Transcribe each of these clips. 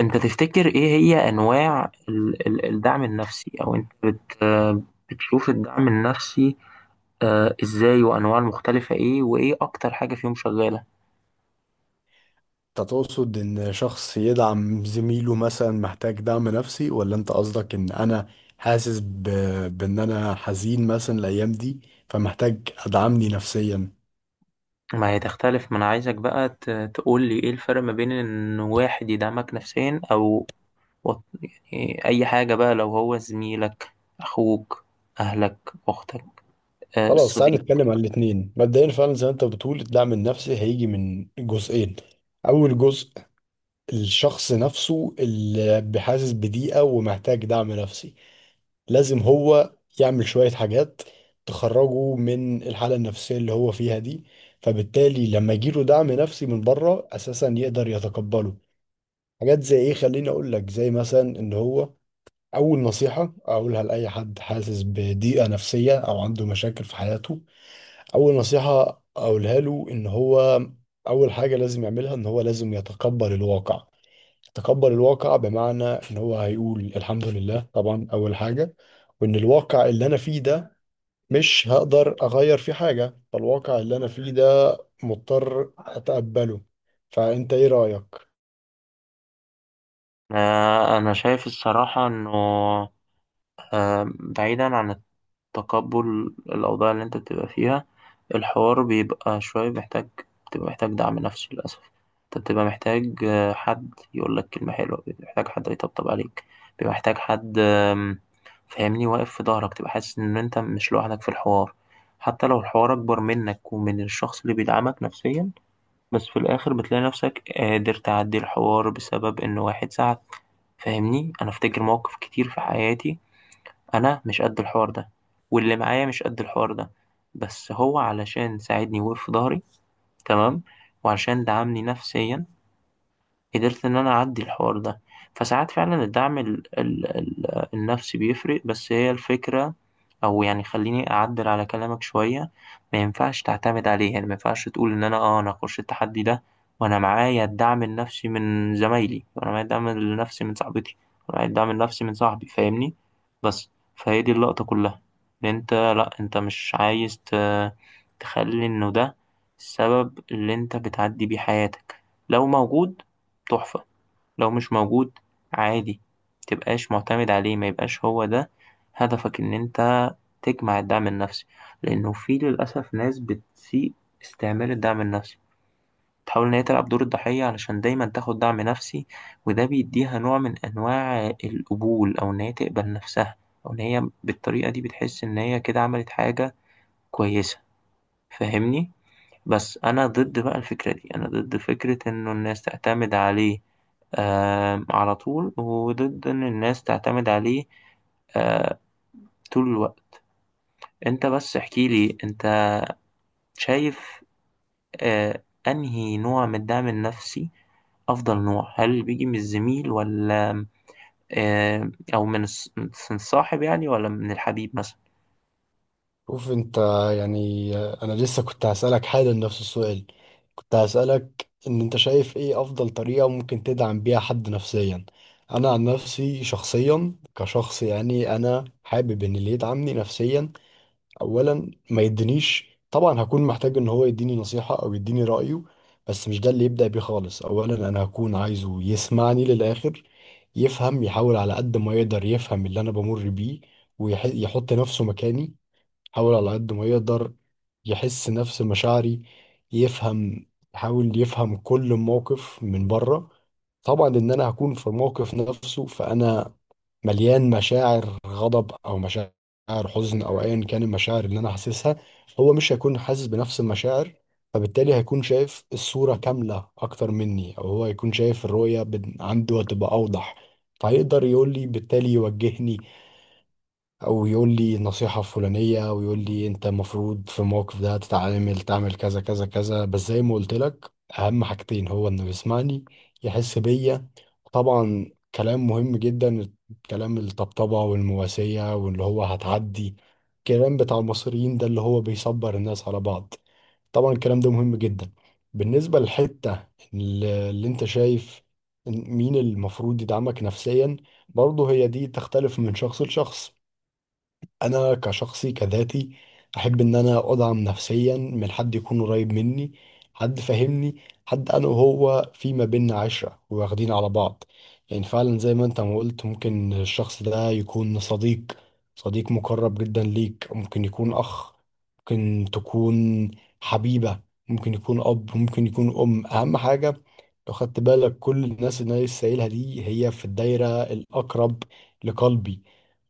انت تفتكر ايه هي انواع الدعم النفسي او انت بت بتشوف الدعم النفسي ازاي وانواع المختلفة ايه وايه اكتر حاجة فيهم شغالة؟ انت تقصد ان شخص يدعم زميله مثلا محتاج دعم نفسي، ولا انت قصدك ان انا حاسس بان انا حزين مثلا الايام دي، فمحتاج ادعمني نفسيا. ما هي تختلف، ما انا عايزك بقى تقول لي ايه الفرق ما بين ان واحد يدعمك نفسيا او وط- يعني اي حاجة، بقى لو هو زميلك، اخوك، اهلك، اختك، خلاص تعال الصديق. نتكلم عن الاتنين. مبدئيا فعلا زي ما انت بتقول الدعم النفسي هيجي من جزئين. اول جزء الشخص نفسه اللي بحاسس بضيقة ومحتاج دعم نفسي، لازم هو يعمل شوية حاجات تخرجه من الحالة النفسية اللي هو فيها دي، فبالتالي لما يجيله دعم نفسي من بره أساسا يقدر يتقبله. حاجات زي إيه؟ خليني أقول لك زي مثلا إن هو، أول نصيحة أقولها لأي حد حاسس بضيقة نفسية أو عنده مشاكل في حياته، أول نصيحة أقولها له إن هو أول حاجة لازم يعملها إن هو لازم يتقبل الواقع. تقبل الواقع بمعنى ان هو هيقول الحمد لله طبعا اول حاجة، وان الواقع اللي انا فيه ده مش هقدر اغير فيه حاجة، فالواقع اللي انا فيه ده مضطر اتقبله. فانت ايه رأيك؟ انا شايف الصراحة انه بعيدا عن تقبل الأوضاع اللي أنت بتبقى فيها، الحوار بيبقى شوية محتاج، بتبقى محتاج دعم نفسي للأسف. أنت بتبقى محتاج، حد يقول لك كلمة حلوة، بيبقى محتاج حد يطبطب عليك، بيبقى محتاج حد فاهمني، واقف في ظهرك، تبقى حاسس إن أنت مش لوحدك في الحوار، حتى لو الحوار أكبر منك ومن الشخص اللي بيدعمك نفسيا. بس في الآخر بتلاقي نفسك قادر تعدي الحوار بسبب إن واحد ساعد. فاهمني، أنا أفتكر مواقف كتير في حياتي أنا مش قد الحوار ده، واللي معايا مش قد الحوار ده، بس هو علشان ساعدني ووقف في ضهري، تمام، وعشان دعمني نفسيا، قدرت ان انا اعدي الحوار ده. فساعات فعلا الدعم ال ال ال النفسي بيفرق، بس هي الفكرة، او يعني خليني اعدل على كلامك شوية، ما ينفعش تعتمد عليه. يعني ما ينفعش تقول ان انا انا اخش التحدي ده وانا معايا الدعم النفسي من زمايلي، وانا معايا الدعم النفسي من صاحبتي، وانا معايا الدعم النفسي من صاحبي، فاهمني؟ بس فهي دي اللقطة كلها، ان انت لا، انت مش عايز تخلي انه ده السبب اللي انت بتعدي بيه حياتك. لو موجود، تحفة؛ لو مش موجود، عادي. متبقاش معتمد عليه، ما يبقاش هو ده هدفك، إن أنت تجمع الدعم النفسي. لأنه في للأسف ناس بتسيء استعمال الدعم النفسي، تحاول إن هي تلعب دور الضحية علشان دايما تاخد دعم نفسي، وده بيديها نوع من أنواع القبول، أو إن هي تقبل نفسها، أو إن هي بالطريقة دي بتحس إن هي كده عملت حاجة كويسة، فاهمني؟ بس انا ضد بقى الفكرة دي، انا ضد فكرة انه الناس تعتمد عليه، آه، على طول، وضد ان الناس تعتمد عليه آه طول الوقت. انت بس احكي لي انت شايف آه انهي نوع من الدعم النفسي افضل نوع، هل اللي بيجي من الزميل ولا او من من الصاحب يعني، ولا من الحبيب مثلا؟ شوف انت، يعني انا لسه كنت هسألك حالا نفس السؤال. كنت هسألك ان انت شايف ايه افضل طريقة ممكن تدعم بيها حد نفسيا. انا عن نفسي شخصيا كشخص، يعني انا حابب ان اللي يدعمني نفسيا اولا ما يدينيش، طبعا هكون محتاج ان هو يديني نصيحة او يديني رأيه، بس مش ده اللي يبدأ بيه خالص. اولا انا هكون عايزه يسمعني للآخر، يفهم، يحاول على قد ما يقدر يفهم اللي انا بمر بيه، ويحط نفسه مكاني، يحاول على قد ما يقدر يحس نفس مشاعري، يفهم، يحاول يفهم كل موقف من بره. طبعا ان انا هكون في الموقف نفسه، فانا مليان مشاعر غضب او مشاعر حزن او ايا كان المشاعر اللي انا حاسسها، هو مش هيكون حاسس بنفس المشاعر، فبالتالي هيكون شايف الصورة كاملة اكتر مني، او هو هيكون شايف الرؤية عنده هتبقى اوضح، فهيقدر يقول لي بالتالي، يوجهني او يقول لي النصيحة الفلانية ويقول لي انت المفروض في الموقف ده تتعامل تعمل كذا كذا كذا. بس زي ما قلت لك، اهم حاجتين هو انه يسمعني، يحس بيا. طبعا كلام مهم جدا، كلام الطبطبة والمواسية واللي هو هتعدي، الكلام بتاع المصريين ده اللي هو بيصبر الناس على بعض، طبعا الكلام ده مهم جدا. بالنسبة للحتة اللي انت شايف مين المفروض يدعمك نفسيا، برضه هي دي تختلف من شخص لشخص. انا كشخصي كذاتي احب ان انا ادعم نفسيا من حد يكون قريب مني، حد فاهمني، حد انا وهو في ما بيننا عشرة واخدين على بعض. يعني فعلا زي ما انت ما قلت ممكن الشخص ده يكون صديق، صديق مقرب جدا ليك، ممكن يكون اخ، ممكن تكون حبيبة، ممكن يكون اب، ممكن يكون ام. اهم حاجة لو خدت بالك كل الناس اللي انا لسه قايلها دي هي في الدايرة الاقرب لقلبي،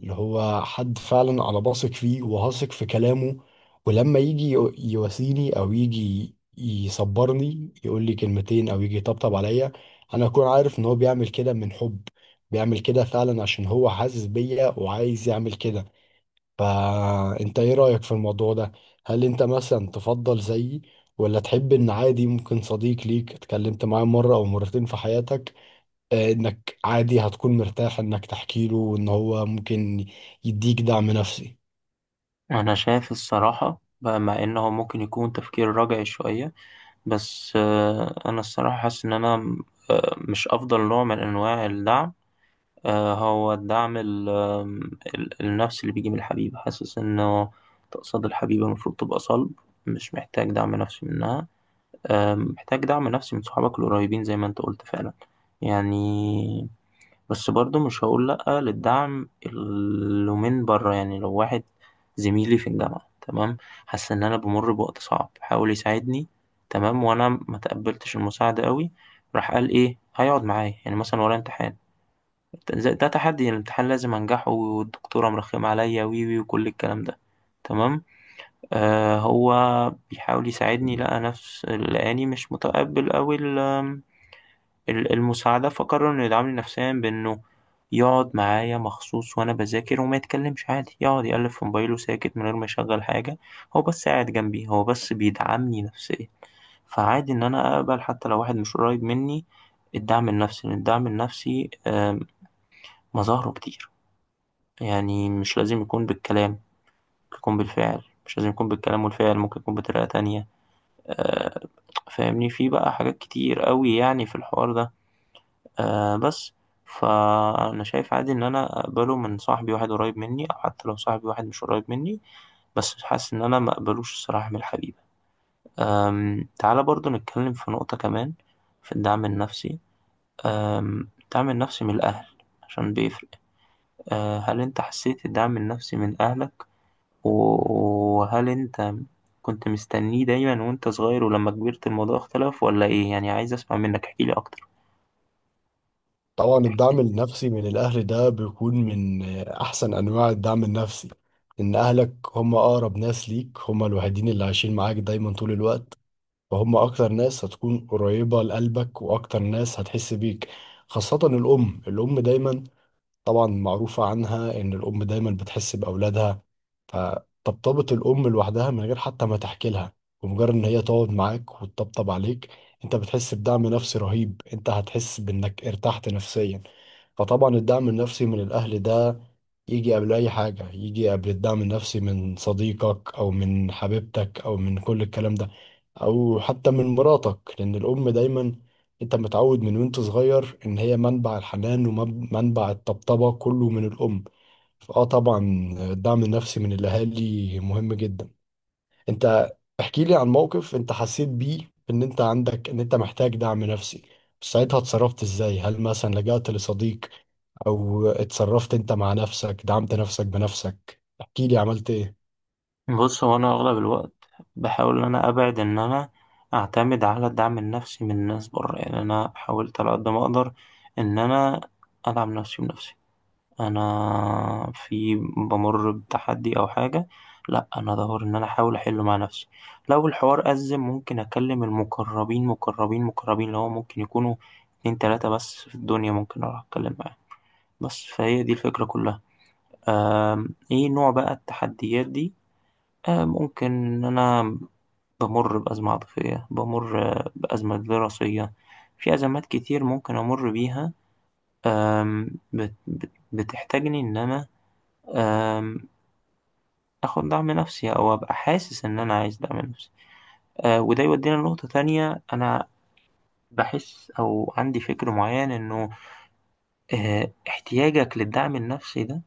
اللي هو حد فعلا انا بثق فيه وهثق في كلامه. ولما يجي يواسيني او يجي يصبرني يقول لي كلمتين او يجي يطبطب عليا، انا اكون عارف ان هو بيعمل كده من حب، بيعمل كده فعلا عشان هو حاسس بيا وعايز يعمل كده. فانت ايه رأيك في الموضوع ده؟ هل انت مثلا تفضل زيي، ولا تحب ان عادي ممكن صديق ليك اتكلمت معاه مرة او مرتين في حياتك، انك عادي هتكون مرتاح انك تحكي له وان هو ممكن يديك دعم نفسي. انا شايف الصراحة بقى، مع انه ممكن يكون تفكير رجعي شوية، بس آه انا الصراحة حاسس ان انا مش أفضل نوع من أنواع الدعم، هو الدعم النفسي اللي بيجي من الحبيبة، حاسس إنه، تقصد الحبيبة المفروض تبقى صلب، مش محتاج دعم نفسي منها. محتاج دعم نفسي من صحابك القريبين زي ما أنت قلت فعلا يعني. بس برضه مش هقول لأ للدعم اللي من بره. يعني لو واحد زميلي في الجامعة، تمام، حاسس إن أنا بامُر بوقت صعب، حاول يساعدني، تمام، وأنا ما تقبّلتش المساعدة أوي، راح قال إيه هيقعد معايا، يعني مثلًا ورايا امتحان، ت ز ده تحدي، يعني الامتحان لازم أنجحه، والدكتورة مرخمة عليَّ، و، و، وكل الكلام ده، تمام، هو بيحاول يساعدني، لقى نفس لقاني مش متقبّل أوي المساعدة، فقرر إنه يدعمني نفسيا بإنه يقعد معايا مخصوص وأنا بذاكر، وما يتكلمش، عادي يقعد يقلب في موبايله ساكت من غير ما يشغل حاجة، هو بس قاعد جنبي، هو بس بيدعمني نفسيا. فعادي إن أنا أقبل حتى لو واحد مش قريب مني الدعم النفسي، لأن الدعم النفسي مظاهره كتير، يعني مش لازم يكون بالكلام، ممكن يكون بالفعل، مش لازم يكون بالكلام والفعل، ممكن يكون بطريقة تانية، آه، فاهمني، في بقى حاجات كتير قوي يعني في الحوار ده آه. بس فأنا شايف عادي إن أنا أقبله من صاحبي، واحد قريب مني أو حتى لو صاحبي واحد مش قريب مني، بس حاسس إن أنا ما أقبلوش الصراحة من الحبيبة. أم، تعالى برضو نتكلم في نقطة كمان في الدعم النفسي، أم الدعم النفسي من الأهل، عشان بيفرق. أه، هل أنت حسيت الدعم النفسي من أهلك، وهل أنت كنت مستنيه دايما وأنت صغير، ولما كبرت الموضوع اختلف، ولا إيه؟ يعني عايز أسمع منك، احكيلي أكتر. طبعا الدعم النفسي من الاهل ده بيكون من احسن انواع الدعم النفسي، ان اهلك هم اقرب ناس ليك، هم الوحيدين اللي عايشين معاك دايما طول الوقت، فهم اكتر ناس هتكون قريبة لقلبك واكتر ناس هتحس بيك. خاصة الام، الام دايما طبعا معروفة عنها ان الام دايما بتحس باولادها. فطبطبة الأم لوحدها من غير حتى ما تحكي لها، ومجرد إن هي تقعد معاك وتطبطب عليك، أنت بتحس بدعم نفسي رهيب، أنت هتحس بإنك ارتحت نفسيا. فطبعا الدعم النفسي من الأهل ده يجي قبل أي حاجة، يجي قبل الدعم النفسي من صديقك أو من حبيبتك أو من كل الكلام ده، أو حتى من مراتك، لأن الأم دايما أنت متعود من وأنت صغير إن هي منبع الحنان، ومنبع الطبطبة كله من الأم. اه طبعا الدعم النفسي من الاهالي مهم جدا. انت احكي لي عن موقف انت حسيت بيه ان انت عندك ان انت محتاج دعم نفسي، ساعتها اتصرفت ازاي؟ هل مثلا لجأت لصديق او اتصرفت انت مع نفسك دعمت نفسك بنفسك؟ احكي لي عملت ايه. بص، هو انا اغلب الوقت بحاول ان انا ابعد ان انا اعتمد على الدعم النفسي من الناس بره. يعني انا حاولت على قد ما اقدر ان انا ادعم نفسي بنفسي، انا في بمر بتحدي او حاجه، لا انا ادور ان انا احاول احله مع نفسي. لو الحوار ازم، ممكن اكلم المقربين، مقربين مقربين اللي هو ممكن يكونوا اتنين تلاته بس في الدنيا، ممكن اروح اتكلم معاهم. بس فهي دي الفكره كلها. أم، ايه نوع بقى التحديات دي؟ ممكن إن أنا بمر بأزمة عاطفية، بمر بأزمة دراسية، في أزمات كتير ممكن أمر بيها، بتحتاجني إن أنا آم، آخد دعم نفسي، أو أبقى حاسس إن أنا عايز دعم نفسي. وده يودينا لنقطة تانية. أنا بحس، أو عندي فكر معين إنه احتياجك للدعم النفسي ده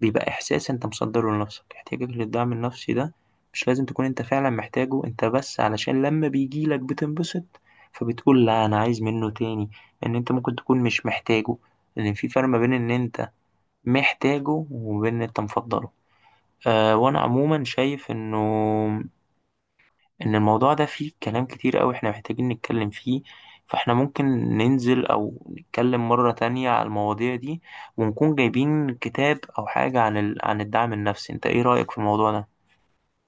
بيبقى إحساس أنت مصدّره لنفسك، احتياجك للدعم النفسي ده مش لازم تكون أنت فعلًا محتاجه، أنت بس علشان لمّا بييجي لك بتنبسط، فبتقول لأ أنا عايز منّه تاني، لإن أنت ممكن تكون مش محتاجه، لإن في فرق ما بين إن أنت محتاجه وما بين إن أنت مفضّله. وأنا عمومًا شايف إنه ان الموضوع ده فيه كلام كتير قوي احنا محتاجين نتكلم فيه. فاحنا ممكن ننزل او نتكلم مرة تانية على المواضيع دي، ونكون جايبين كتاب او حاجة عن عن الدعم النفسي. انت ايه رأيك في الموضوع ده؟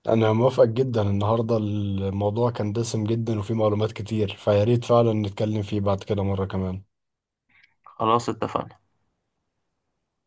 انا موافقك جدا، النهارده الموضوع كان دسم جدا وفيه معلومات كتير، فياريت فعلا نتكلم فيه بعد كده مرة كمان. خلاص، اتفقنا.